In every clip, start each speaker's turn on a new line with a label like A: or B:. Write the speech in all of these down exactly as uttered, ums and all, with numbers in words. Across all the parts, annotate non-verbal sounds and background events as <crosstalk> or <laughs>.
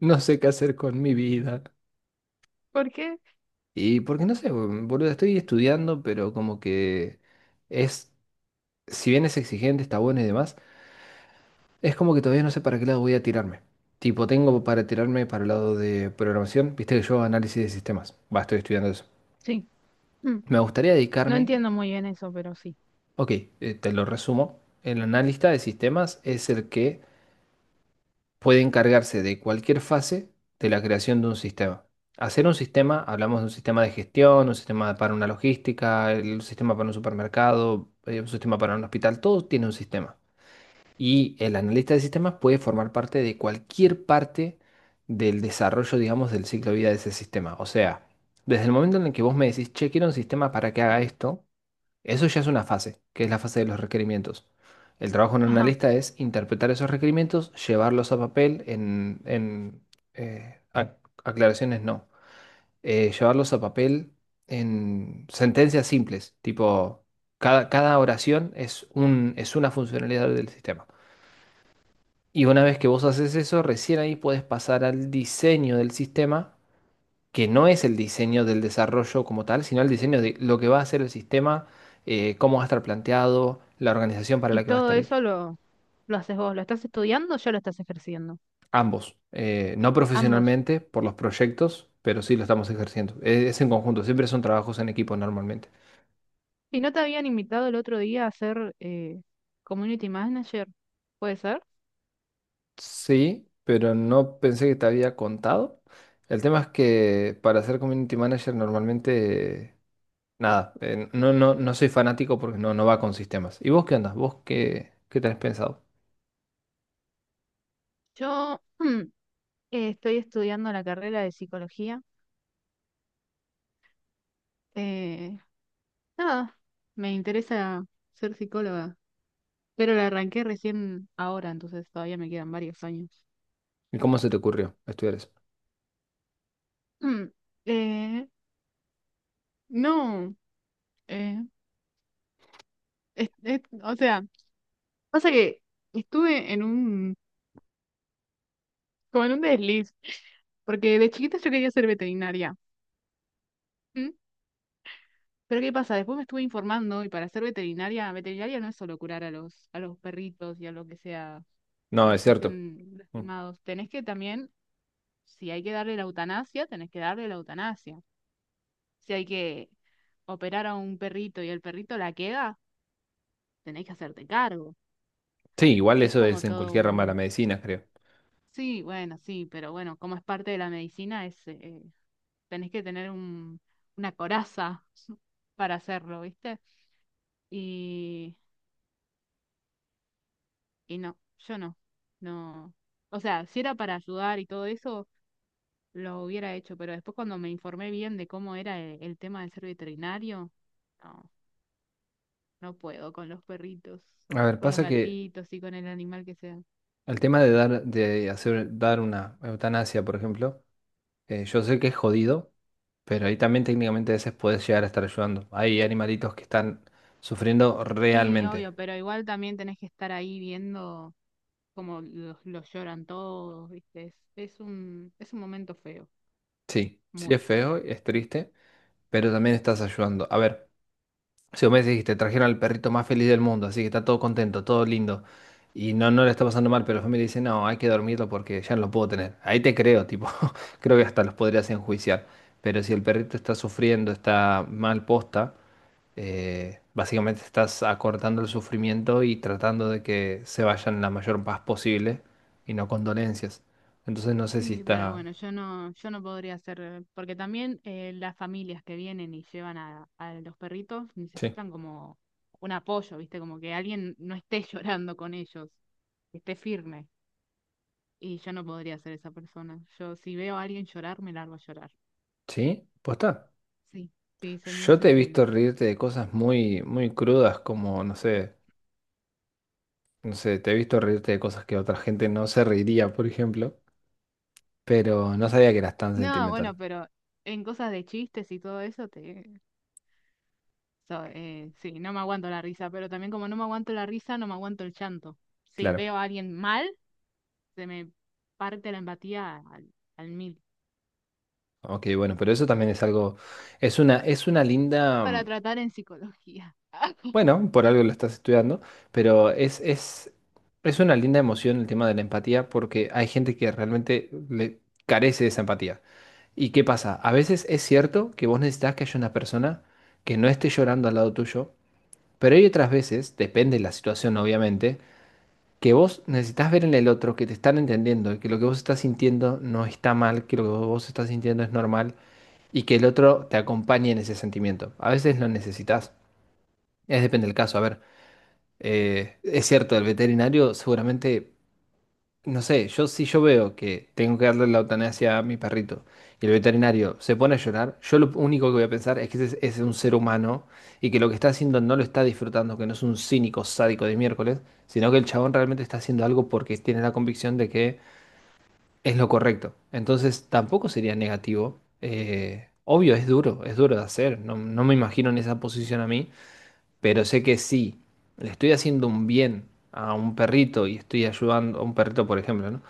A: No sé qué hacer con mi vida.
B: Porque,
A: Y porque no sé, bo- boludo, estoy estudiando, pero como que es, si bien es exigente, está bueno y demás, es como que todavía no sé para qué lado voy a tirarme. Tipo, tengo para tirarme para el lado de programación, viste que yo hago análisis de sistemas, va, estoy estudiando eso.
B: sí, mm,
A: Me gustaría
B: no
A: dedicarme.
B: entiendo muy bien eso, pero sí.
A: Ok, eh, te lo resumo, el analista de sistemas es el que puede encargarse de cualquier fase de la creación de un sistema. Hacer un sistema, hablamos de un sistema de gestión, un sistema para una logística, el un sistema para un supermercado, eh, un sistema para un hospital, todo tiene un sistema. Y el analista de sistemas puede formar parte de cualquier parte del desarrollo, digamos, del ciclo de vida de ese sistema. O sea, desde el momento en el que vos me decís, che, quiero un sistema para que haga esto, eso ya es una fase, que es la fase de los requerimientos. El trabajo de un
B: Ajá.
A: analista es interpretar esos requerimientos, llevarlos a papel en, en, eh, ac- aclaraciones no, eh, llevarlos a papel en sentencias simples, tipo cada, cada oración es un, es una funcionalidad del sistema. Y una vez que vos haces eso, recién ahí puedes pasar al diseño del sistema, que no es el diseño del desarrollo como tal, sino el diseño de lo que va a ser el sistema, eh, cómo va a estar planteado, la organización para
B: Y
A: la que va a
B: todo
A: estar hecho.
B: eso lo, lo haces vos, lo estás estudiando o ya lo estás ejerciendo.
A: Ambos, eh, no
B: Ambos.
A: profesionalmente por los proyectos, pero sí lo estamos ejerciendo. Es, es en conjunto, siempre son trabajos en equipo normalmente.
B: ¿Y no te habían invitado el otro día a ser eh, community manager? ¿Puede ser?
A: Sí, pero no pensé que te había contado. El tema es que para ser community manager normalmente, eh, nada, eh, no, no, no soy fanático porque no, no va con sistemas. ¿Y vos qué andas? ¿Vos qué, qué tenés pensado?
B: Yo mm, eh, estoy estudiando la carrera de psicología. Eh, nada, me interesa ser psicóloga, pero la arranqué recién ahora, entonces todavía me quedan varios años.
A: ¿Y cómo se te ocurrió estudiar eso?
B: Mm, eh, no, eh, es- es- o sea... Pasa que estuve en un, como en un desliz, porque de chiquita yo quería ser veterinaria. ¿Mm? Pero ¿qué pasa? Después me estuve informando y para ser veterinaria, veterinaria no es solo curar a los, a los perritos y a lo que sea
A: No,
B: eh,
A: es
B: que
A: cierto.
B: estén
A: Mm.
B: lastimados. Tenés que también, si hay que darle la eutanasia, tenés que darle la eutanasia. Si hay que operar a un perrito y el perrito la queda, tenés que hacerte cargo.
A: Sí, igual
B: Es
A: eso es
B: como
A: en
B: todo
A: cualquier rama de la
B: un...
A: medicina, creo.
B: Sí, bueno, sí, pero bueno, como es parte de la medicina, es, eh, tenés que tener un, una coraza <laughs> para hacerlo, ¿viste? Y, y no, yo no, no. O sea, si era para ayudar y todo eso, lo hubiera hecho, pero después cuando me informé bien de cómo era el, el tema de ser veterinario, no, no puedo con los perritos,
A: A ver,
B: con los
A: pasa que
B: gatitos y con el animal que sea.
A: el tema de dar, de hacer, dar una eutanasia, por ejemplo, eh, yo sé que es jodido, pero ahí también técnicamente a veces puedes llegar a estar ayudando. Hay animalitos que están sufriendo
B: Sí,
A: realmente.
B: obvio, pero igual también tenés que estar ahí viendo cómo los, los lloran todos, ¿viste? Es, es un, es un momento feo,
A: Sí, sí
B: muy
A: es
B: feo.
A: feo, es triste, pero también estás ayudando. A ver. Si vos me dijiste trajeron al perrito más feliz del mundo, así que está todo contento, todo lindo, y no, no le está pasando mal, pero la familia dice, no, hay que dormirlo porque ya no lo puedo tener. Ahí te creo, tipo, <laughs> creo que hasta los podrías enjuiciar. Pero si el perrito está sufriendo, está mal posta, eh, básicamente estás acortando el sufrimiento y tratando de que se vayan la mayor paz posible y no con dolencias. Entonces no sé si
B: Sí, pero
A: está...
B: bueno, yo no, yo no podría hacer, porque también eh, las familias que vienen y llevan a, a los perritos
A: Sí.
B: necesitan como un apoyo, ¿viste? Como que alguien no esté <laughs> llorando con ellos, que esté firme. Y yo no podría ser esa persona. Yo si veo a alguien llorar, me largo a llorar.
A: ¿Sí? ¿Posta?
B: Sí, sí, soy muy
A: Yo te he visto
B: sensible.
A: reírte de cosas muy, muy crudas como, no sé. No sé, te he visto reírte de cosas que otra gente no se reiría, por ejemplo, pero no sabía que eras tan
B: No, bueno,
A: sentimental.
B: pero en cosas de chistes y todo eso, te... so- eh, sí, no me aguanto la risa, pero también como no me aguanto la risa, no me aguanto el llanto. Si
A: Claro.
B: veo a alguien mal, se me parte la empatía al, al mil.
A: Ok, bueno, pero eso también es algo, es una, es una
B: Es
A: linda,
B: para
A: mm,
B: tratar en psicología.
A: bueno, por algo lo estás estudiando, pero es, es, es una linda emoción el tema de la empatía porque hay gente que realmente le carece de esa empatía. ¿Y qué pasa? A veces es cierto que vos necesitas que haya una persona que no esté llorando al lado tuyo, pero hay otras veces, depende de la situación, obviamente, que vos necesitas ver en el otro que te están entendiendo y que lo que vos estás sintiendo no está mal, que lo que vos estás sintiendo es normal y que el otro te acompañe en ese sentimiento. A veces lo necesitas. Es depende del caso. A ver, eh, es cierto, el veterinario seguramente no sé, yo si yo veo que tengo que darle la eutanasia a mi perrito y el veterinario se pone a llorar, yo lo único que voy a pensar es que ese es un ser humano y que lo que está haciendo no lo está disfrutando, que no es un cínico sádico de miércoles, sino que el chabón realmente está haciendo algo porque tiene la convicción de que es lo correcto. Entonces tampoco sería negativo. Eh, obvio, es duro, es duro de hacer. No, no me imagino en esa posición a mí, pero sé que sí, le estoy haciendo un bien a un perrito y estoy ayudando, a un perrito por ejemplo, ¿no?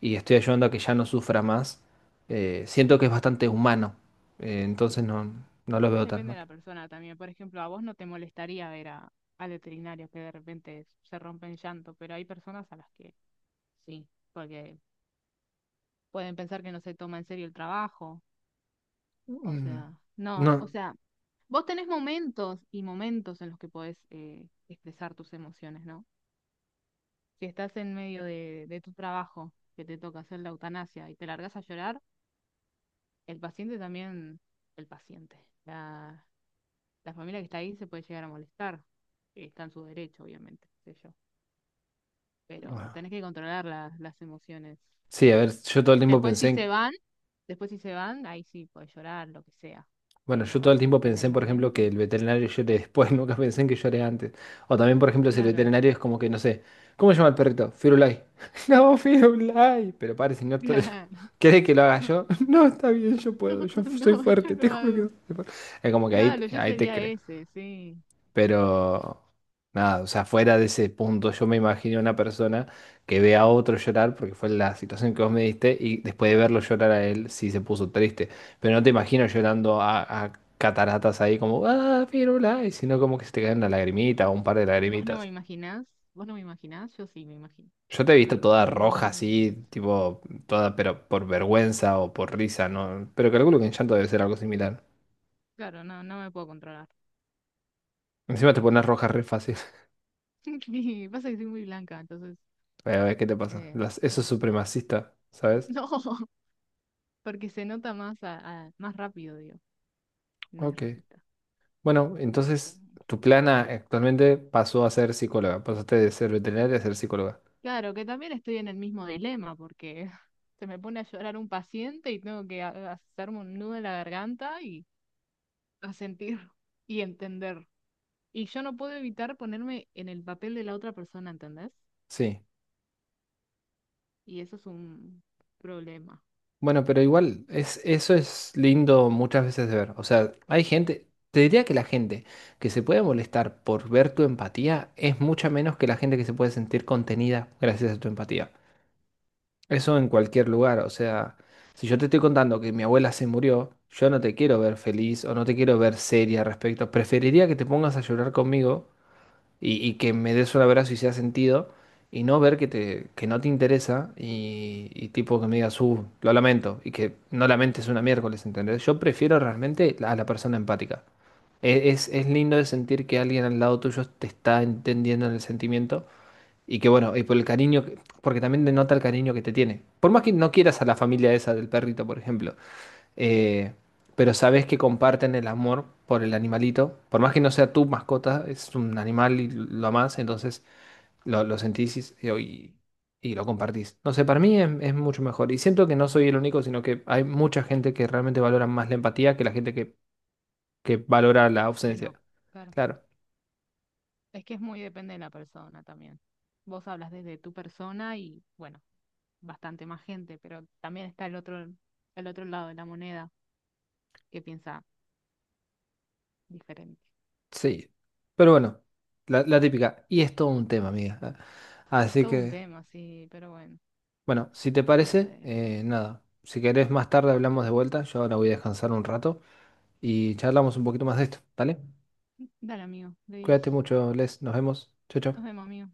A: Y estoy ayudando a que ya no sufra más. eh, siento que es bastante humano. eh, entonces no, no lo
B: <laughs>
A: veo tan
B: Depende
A: mal.
B: de la persona también. Por ejemplo, a vos no te molestaría ver a, al veterinario que de repente se rompe en llanto, pero hay personas a las que sí, porque pueden pensar que no se toma en serio el trabajo. O
A: Mm.
B: sea, no, o
A: No,
B: sea, vos tenés momentos y momentos en los que podés eh, expresar tus emociones, ¿no? Si estás en medio de, de tu trabajo, que te toca hacer la eutanasia y te largas a llorar, el paciente también, el paciente, la, la familia que está ahí se puede llegar a molestar, que está en su derecho, obviamente, qué sé yo. Pero
A: bueno,
B: tenés que controlar las, las emociones.
A: sí, a ver, yo todo el tiempo
B: Después
A: pensé
B: si se
A: en...
B: van, después si se van, ahí sí puedes llorar, lo que sea.
A: Bueno, yo todo el
B: Pero
A: tiempo
B: en el
A: pensé, por ejemplo, que
B: momento,
A: el veterinario llore después, <laughs> nunca pensé en que llore antes. O también, por ejemplo, si el
B: claro,
A: veterinario es como que, no sé, ¿cómo se llama el perrito? Firulai. <laughs> No, Firulai. Pero padre, si no,
B: <laughs>
A: to-
B: claro.
A: <laughs> ¿querés que lo haga yo? <laughs> No, está bien, yo puedo, yo
B: <laughs>
A: soy
B: No, yo
A: fuerte, te
B: no
A: juro que
B: hago.
A: soy fuerte. Es como que ahí,
B: Claro, yo
A: ahí te
B: sería
A: creo.
B: ese, sí.
A: Pero nada, o sea, fuera de ese punto, yo me imagino una persona que ve a otro llorar, porque fue la situación que vos me diste, y después de verlo llorar a él, sí se puso triste. Pero no te imagino llorando a, a cataratas ahí como, ah, pirula, y sino como que se te cae una lagrimita o un par de
B: ¿Vos no me
A: lagrimitas.
B: imaginás? ¿Vos no me imaginás? Yo sí me imagino.
A: Yo te he
B: Me
A: visto toda
B: imagino
A: roja
B: muy bien
A: así,
B: eso.
A: tipo, toda, pero por vergüenza o por risa, ¿no? Pero calculo que en llanto debe ser algo similar.
B: Claro, no, no me puedo controlar.
A: Encima te pones roja re fácil. <laughs>
B: <laughs> Pasa que soy muy blanca, entonces.
A: A ver, ¿qué te pasa?
B: eh,
A: Las- eso es
B: ah,
A: supremacista,
B: <laughs>
A: ¿sabes?
B: no, porque se nota más, a- a- más rápido, digo. No es
A: Ok.
B: racista.
A: Bueno,
B: O sea,
A: entonces tu plana actualmente pasó a ser psicóloga, pasaste de ser veterinaria a ser psicóloga.
B: claro, que también estoy en el mismo dilema, porque <laughs> se me pone a llorar un paciente y tengo que a- hacerme un nudo en la garganta y asentir <laughs> y entender. Y yo no puedo evitar ponerme en el papel de la otra persona, ¿entendés?
A: Sí.
B: Y eso es un problema.
A: Bueno, pero igual es, eso es lindo muchas veces de ver. O sea, hay gente, te diría que la gente que se puede molestar por ver tu empatía es mucha menos que la gente que se puede sentir contenida gracias a tu empatía. Eso en cualquier lugar. O sea, si yo te estoy contando que mi abuela se murió, yo no te quiero ver feliz o no te quiero ver seria al respecto. Preferiría que te pongas a llorar conmigo y, y que me des un abrazo y sea sentido, y no ver que, te, que no te interesa y, y tipo que me digas, uh, lo lamento, y que no lamentes una miércoles, ¿entendés? Yo prefiero realmente a la persona empática. E- Es, es lindo de sentir que alguien al lado tuyo te está entendiendo en el sentimiento y que bueno, y por el cariño, que- porque también denota el cariño que te tiene. Por más que no quieras a la familia esa del perrito, por ejemplo, eh, pero sabes que comparten el amor por el animalito. Por más que no sea tu mascota, es un animal y lo amás, entonces lo, lo sentís y, y- y lo compartís. No sé, para mí es, es mucho mejor. Y siento que no soy el único, sino que hay mucha gente que realmente valora más la empatía que la gente que, que valora la
B: Que
A: ausencia.
B: no, claro.
A: Claro,
B: Es que es muy depende de la persona también. Vos hablas desde tu persona y bueno, bastante más gente, pero también está el otro, el otro lado de la moneda que piensa diferente.
A: sí. Pero bueno, la, la típica. Y es todo un tema, amiga.
B: Es
A: Así
B: todo un
A: que,
B: tema, sí, pero bueno,
A: bueno, si te
B: no
A: parece,
B: sé.
A: eh, nada. Si querés más tarde hablamos de vuelta. Yo ahora voy a descansar un rato y charlamos un poquito más de esto, ¿dale?
B: Dale, amigo, de diez.
A: Cuídate mucho, Les, nos vemos. Chau,
B: Nos
A: chau.
B: vemos, amigo.